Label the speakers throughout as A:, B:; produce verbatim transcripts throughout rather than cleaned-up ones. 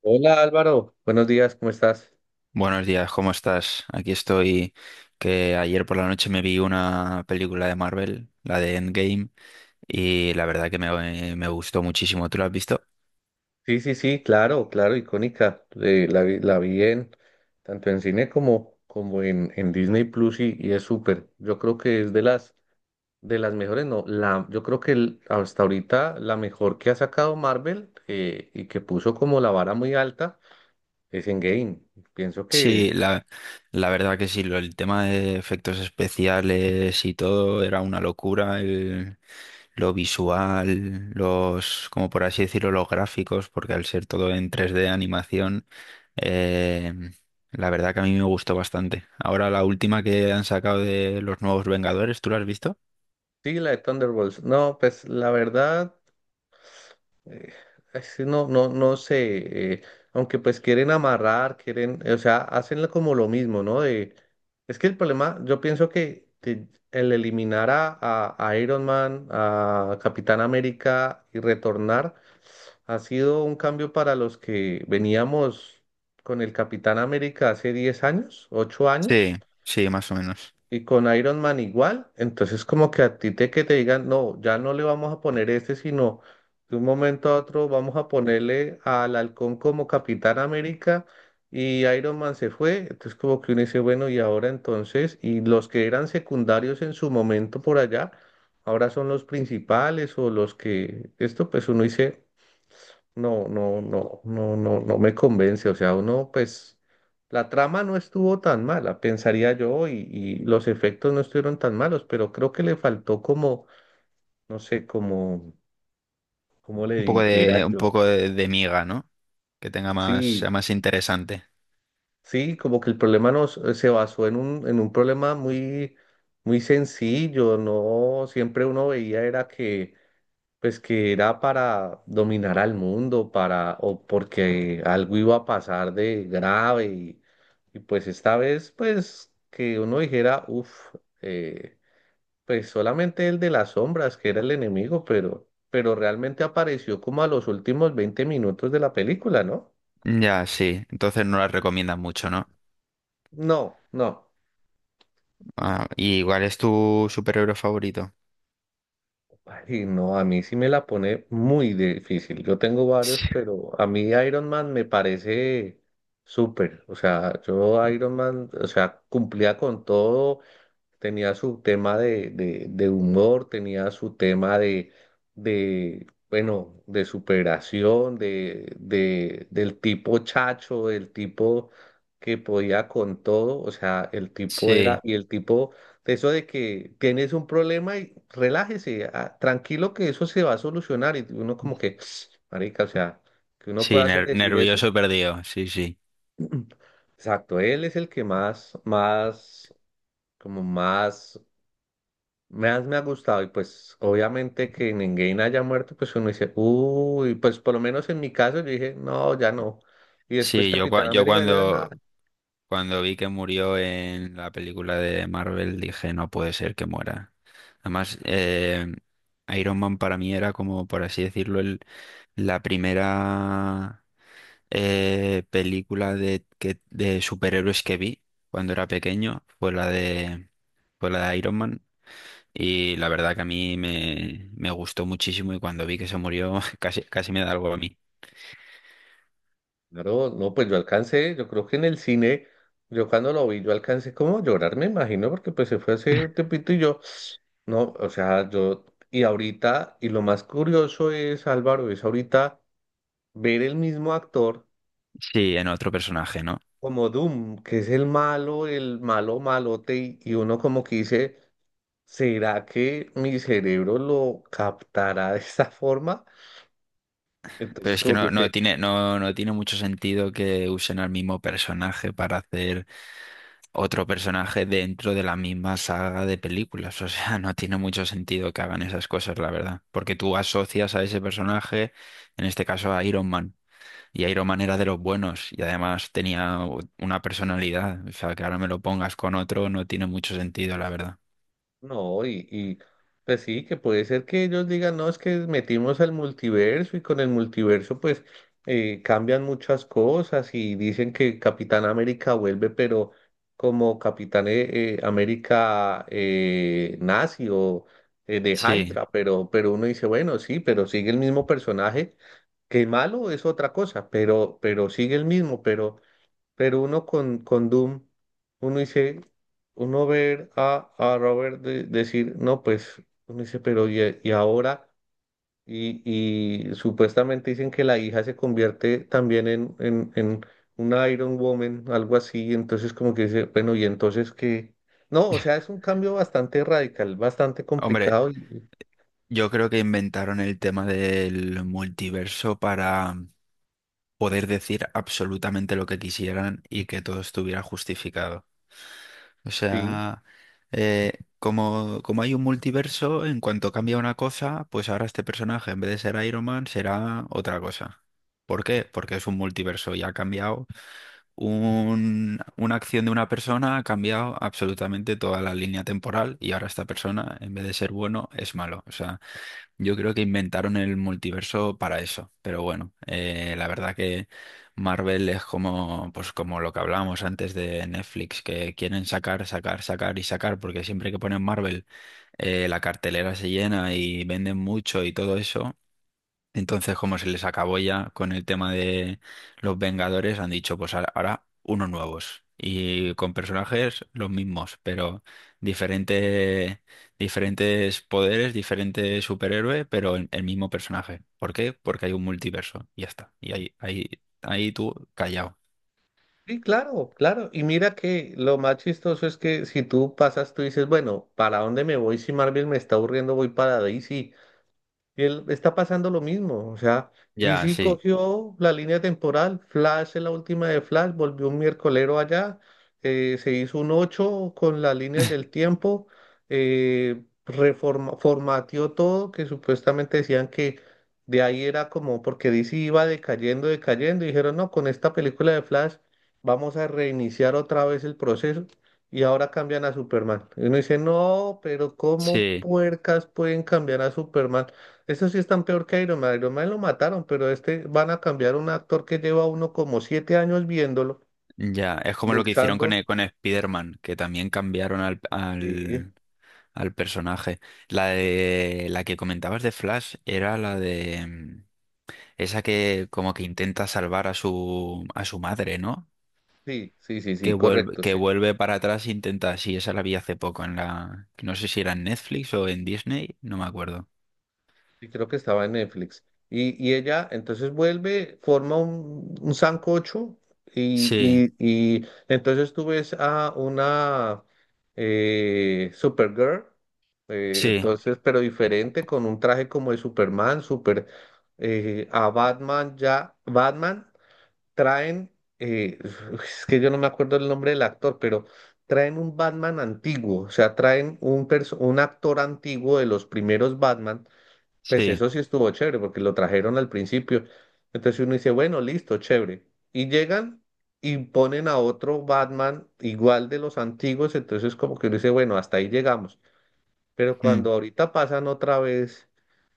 A: Hola Álvaro, buenos días, ¿cómo estás?
B: Buenos días, ¿cómo estás? Aquí estoy, que ayer por la noche me vi una película de Marvel, la de Endgame, y la verdad que me, me gustó muchísimo. ¿Tú la has visto?
A: Sí, sí, sí, claro, claro, icónica. Eh, la vi, la vi en tanto en cine como, como en, en Disney Plus y, y es súper. Yo creo que es de las de las mejores, no, la, yo creo que el- hasta ahorita la mejor que ha sacado Marvel eh, y que puso como la vara muy alta es Endgame. Pienso que
B: Sí, la, la verdad que sí, lo- el tema de efectos especiales y todo era una locura, el- lo visual, los, como por así decirlo, los gráficos, porque al ser todo en tres d animación, eh, la verdad que a mí me gustó bastante. Ahora la última que han sacado de los nuevos Vengadores, ¿tú la has visto?
A: sí, la de Thunderbolts. No, pues la verdad. eh, es que no, no, no sé, eh, aunque pues quieren amarrar, quieren, o sea, hacen lo- como lo mismo, ¿no? De, es que el problema, yo pienso que, que el eliminar a, a- a Iron Man, a Capitán América y retornar ha sido un cambio para los que veníamos con el Capitán América hace diez años, ocho
B: Sí,
A: años.
B: sí, más o menos.
A: Y con Iron Man igual, entonces como que a ti te que te digan, no, ya no le vamos a poner este, sino de un momento a otro vamos a ponerle al Halcón como Capitán América y Iron Man se fue, entonces como que uno dice, bueno, y ahora entonces, y los que eran secundarios en su momento por allá, ahora son los principales o los que, esto pues uno dice, no, no, no, no, no, no me convence. O sea, uno, pues, la trama no estuvo tan mala, pensaría yo, y, y los efectos no estuvieron tan malos, pero creo que le faltó como, no sé, como, como le
B: Un poco de,
A: dijera
B: un
A: yo.
B: poco de, de miga, ¿no? Que tenga más, sea
A: Sí,
B: más interesante.
A: sí, como que el problema no se basó en un, en un problema muy, muy sencillo, ¿no? Siempre uno veía era que pues que era para dominar al mundo, para, o porque algo iba a pasar de grave y, y pues esta vez, pues que uno dijera, uff, pues solamente el de las sombras que era el enemigo, pero, pero realmente apareció como a los últimos veinte minutos de la película, ¿no?
B: Ya, sí. Entonces no la recomiendas mucho, ¿no?
A: No, no.
B: Ah, ¿y cuál es tu superhéroe favorito?
A: Ay, no, a mí sí me la pone muy difícil. Yo tengo varios,
B: Sí,
A: pero a mí Iron Man me parece súper. O sea, yo Iron Man, o sea, cumplía con todo, tenía su tema de, de, de humor, tenía su tema de, de bueno, de superación, de, de, del tipo chacho, del tipo que podía con todo, o sea, el tipo era,
B: sí,
A: y el tipo, de eso de que tienes un problema y relájese, ah, tranquilo que eso se va a solucionar, y uno como que, marica, o sea, que uno pueda
B: sí,
A: hacer
B: ner-
A: decir eso.
B: nervioso perdido, sí, sí.
A: Exacto, él es el que más, más, como más me ha, me ha gustado y pues obviamente que Endgame haya muerto, pues uno dice, uy, pues por lo menos en mi caso yo dije, no, ya no. Y después
B: Sí, yo,
A: Capitán
B: cua- yo
A: América, yo, nada.
B: cuando, cuando vi que murió en la película de Marvel dije, no puede ser que muera. Además, eh, Iron Man para mí era como, por así decirlo, el, la primera eh, película de, que, de superhéroes que vi cuando era pequeño, fue la de, fue la de Iron Man. Y la verdad que a mí me, me gustó muchísimo y cuando vi que se murió casi, casi me da algo a mí.
A: Claro, no, pues yo alcancé, yo creo que en el cine, yo cuando lo vi, yo alcancé como a llorar, me imagino, porque pues se fue hace un tiempito y yo, no, o sea, yo, y ahorita, y lo más curioso es, Álvaro, es ahorita ver el mismo actor
B: Sí, en otro personaje, ¿no?
A: como Doom, que es el malo, el malo malote, y, y uno como que dice, ¿será que mi cerebro lo captará de esa forma?
B: Pero
A: Entonces,
B: es que
A: como que
B: no, no
A: dice,
B: tiene, no, no tiene mucho sentido que usen al mismo personaje para hacer otro personaje dentro de la misma saga de películas. O sea, no tiene mucho sentido que hagan esas cosas, la verdad. Porque tú asocias a ese personaje, en este caso a Iron Man. Y Iron Man era de los buenos y además tenía una personalidad. O sea, que ahora me lo pongas con otro no tiene mucho sentido, la verdad.
A: no, y, y pues sí, que puede ser que ellos digan, no, es que metimos al multiverso y con el multiverso pues eh, cambian muchas cosas y dicen que Capitán América vuelve, pero como Capitán eh, eh, América eh, nazi o eh, de
B: Sí.
A: Hydra, pero, pero uno dice, bueno, sí, pero sigue el mismo personaje, que malo es otra cosa, pero, pero sigue el mismo, pero... Pero uno con, con Doom, uno dice, uno ver a, a Robert de- decir, no, pues, uno dice, pero y, y ahora, y, y supuestamente dicen que la hija se convierte también en, en, en una Iron Woman, algo así, entonces como que dice, bueno, y entonces que, no, o sea, es un cambio bastante radical, bastante
B: Hombre,
A: complicado, y, y-
B: yo creo que inventaron el tema del multiverso para poder decir absolutamente lo que quisieran y que todo estuviera justificado. O
A: Sí.
B: sea, eh, como, como hay un multiverso, en cuanto cambia una cosa, pues ahora este personaje, en vez de ser Iron Man, será otra cosa. ¿Por qué? Porque es un multiverso y ha cambiado un- una acción de una persona ha cambiado absolutamente toda la línea temporal y ahora esta persona, en vez de ser bueno, es malo. O sea, yo creo que inventaron el multiverso para eso. Pero bueno, eh, la verdad que Marvel es como, pues como lo que hablábamos antes de Netflix, que quieren sacar, sacar, sacar y sacar, porque siempre que ponen Marvel, eh, la cartelera se llena y venden mucho y todo eso. Entonces, como se les acabó ya con el tema de los Vengadores, han dicho, pues ahora ahora unos nuevos. Y con personajes los mismos, pero diferente, diferentes poderes, diferentes superhéroes, pero el, el mismo personaje. ¿Por qué? Porque hay un multiverso. Y ya está. Y ahí, ahí, ahí tú callado.
A: Sí, claro, claro. Y mira que lo más chistoso es que si tú pasas, tú dices, bueno, ¿para dónde me voy si Marvel me está aburriendo? Voy para D C. Y él está pasando lo mismo. O sea,
B: Ya,
A: D C
B: sí.
A: cogió la línea temporal. Flash es la última de Flash. Volvió un miércolero allá. Eh, se hizo un ocho con las líneas del tiempo. Eh, reforma, formateó todo, que supuestamente decían que de ahí era como porque D C iba decayendo, decayendo. Y dijeron, no, con esta película de Flash vamos a reiniciar otra vez el proceso. Y ahora cambian a Superman. Y uno dice, no, pero ¿cómo
B: Sí,
A: puercas pueden cambiar a Superman? Eso sí están peor que Iron Man. Iron Man lo mataron, pero este van a cambiar un actor que lleva uno como siete años viéndolo,
B: ya. Es como lo que hicieron con,
A: luchando.
B: e- con Spider-Man, que también cambiaron al,
A: Sí,
B: al- al personaje. La de la que comentabas de Flash era la de mm, esa que como que intenta salvar a su a su madre, ¿no?
A: sí, sí, sí,
B: Que
A: sí,
B: vuelve,
A: correcto,
B: que
A: sí.
B: vuelve para atrás e intenta, sí, esa la vi hace poco en la, no sé si era en Netflix o en Disney, no me acuerdo.
A: Sí, creo que estaba en Netflix. Y, y ella entonces vuelve, forma un, un sancocho y,
B: Sí,
A: y, y entonces tú ves a una eh, Supergirl, eh,
B: sí,
A: entonces, pero diferente, con un traje como de Superman, super, eh, a Batman ya, Batman. Traen, eh, es que yo no me acuerdo el nombre del actor, pero traen un Batman antiguo, o sea, traen un, perso- un actor antiguo de los primeros Batman, pues
B: sí,
A: eso sí estuvo chévere porque lo trajeron al principio. Entonces uno dice, bueno, listo, chévere. Y llegan y ponen a otro Batman igual de los antiguos, entonces como que uno dice, bueno, hasta ahí llegamos. Pero
B: mm,
A: cuando ahorita pasan otra vez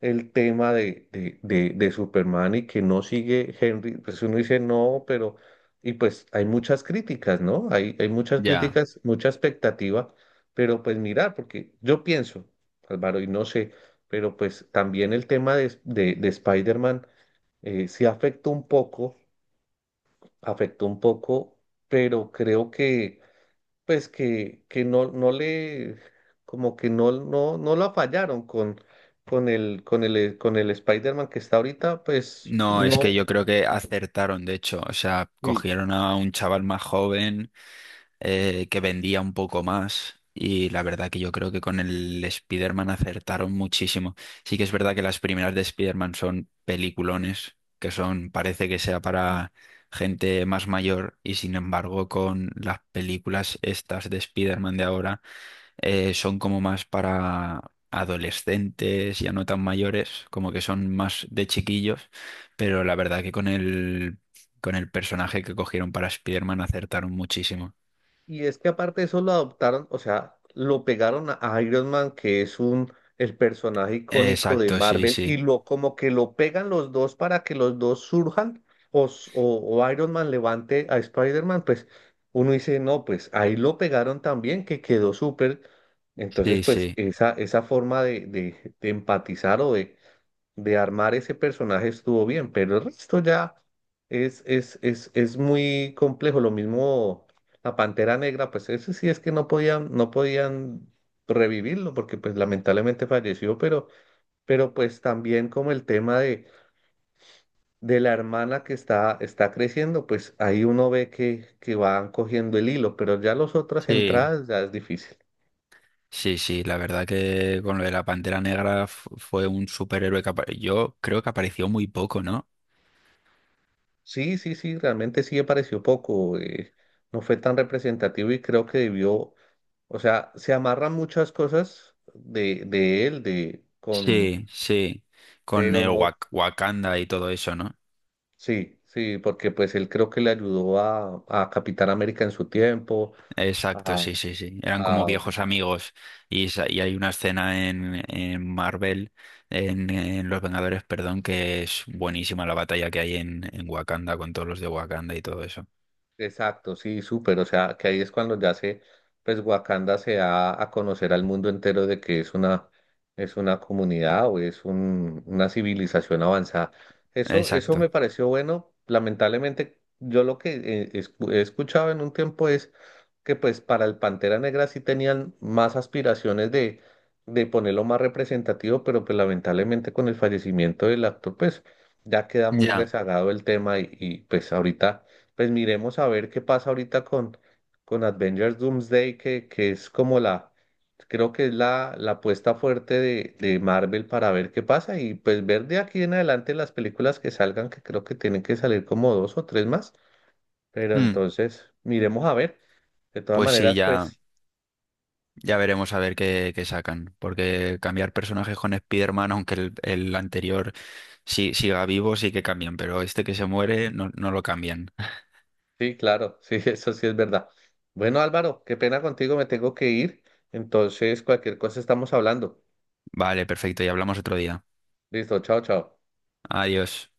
A: el tema de, de, de, de Superman y que no sigue Henry, pues uno dice no, pero, y pues hay muchas críticas, ¿no? Hay, hay muchas
B: ya.
A: críticas, mucha expectativa, pero pues mirar, porque yo pienso, Álvaro, y no sé, pero pues también el tema de, de, de Spider-Man eh, sí afectó un poco, afectó un poco, pero creo que pues que, que no, no le, como que no, no, no la fallaron con, con el, con el, con el Spider-Man que está ahorita, pues
B: No, es que
A: no,
B: yo creo que acertaron, de hecho, o sea,
A: sí.
B: cogieron a un chaval más joven eh, que vendía un poco más. Y la verdad que yo creo que con el Spider-Man acertaron muchísimo. Sí que es verdad que las primeras de Spider-Man son peliculones, que son, parece que sea para gente más mayor, y sin embargo, con las películas estas de Spider-Man de ahora, eh, son como más para adolescentes, ya no tan mayores, como que son más de chiquillos, pero la verdad que con el con el personaje que cogieron para Spider-Man acertaron muchísimo.
A: Y es que aparte de eso lo adoptaron, o sea, lo pegaron a a Iron Man, que es un el personaje icónico de
B: Exacto, sí,
A: Marvel, y
B: sí,
A: lo como que lo pegan los dos para que los dos surjan, o, s- o, o Iron Man levante a Spider-Man, pues uno dice, no, pues ahí lo pegaron también, que quedó súper. Entonces,
B: sí,
A: pues
B: sí,
A: esa, esa forma de, de, de empatizar o de, de armar ese personaje estuvo bien, pero el resto ya es, es, es, es muy complejo. Lo mismo la Pantera Negra, pues ese sí es que no podían, no podían revivirlo porque pues lamentablemente falleció, pero, pero pues también como el tema de, de la hermana que está, está creciendo, pues ahí uno ve que, que van cogiendo el hilo, pero ya las otras
B: sí,
A: entradas ya es difícil.
B: sí, sí, la verdad que con lo de la Pantera Negra fu- fue un superhéroe que apa- yo creo que apareció muy poco, ¿no?
A: Sí, sí, sí, realmente sí me pareció poco, eh, no fue tan representativo y creo que debió. O sea, se amarran muchas cosas de, de él, de con,
B: Sí, sí, con
A: pero
B: el
A: no,
B: Wak- Wakanda y todo eso, ¿no?
A: sí, sí, porque pues él creo que le ayudó a, a Capitán América en su tiempo,
B: Exacto,
A: a,
B: sí, sí, sí, eran como
A: a
B: viejos amigos y, sa- y hay una escena en, en Marvel, en, en Los Vengadores, perdón, que es buenísima la batalla que hay en, en Wakanda con todos los de Wakanda y todo eso.
A: Exacto, sí, súper. O sea, que ahí es cuando ya se, pues Wakanda se da a conocer al mundo entero de que es una, es una comunidad o es un, una civilización avanzada. Eso, eso
B: Exacto,
A: me pareció bueno. Lamentablemente, yo lo que eh, escu- he escuchado en un tiempo es que pues para el Pantera Negra sí tenían más aspiraciones de, de ponerlo más representativo, pero pues lamentablemente con el fallecimiento del actor, pues ya queda muy
B: ya.
A: rezagado el tema y, y pues ahorita pues miremos a ver qué pasa ahorita con, con Avengers Doomsday, que, que es como la, creo que es la, la apuesta fuerte de, de Marvel para ver qué pasa y pues ver de aquí en adelante las películas que salgan, que creo que tienen que salir como dos o tres más, pero
B: Mm.
A: entonces miremos a ver. De todas
B: Pues sí,
A: maneras,
B: ya.
A: pues
B: Ya veremos a ver qué, qué sacan, porque cambiar personajes con Spider-Man, aunque el, el anterior sí, siga vivo, sí que cambian, pero este que se muere no, no lo cambian.
A: sí, claro, sí, eso sí es verdad. Bueno, Álvaro, qué pena contigo, me tengo que ir, entonces cualquier cosa estamos hablando.
B: Vale, perfecto, y hablamos otro día.
A: Listo, chao, chao.
B: Adiós.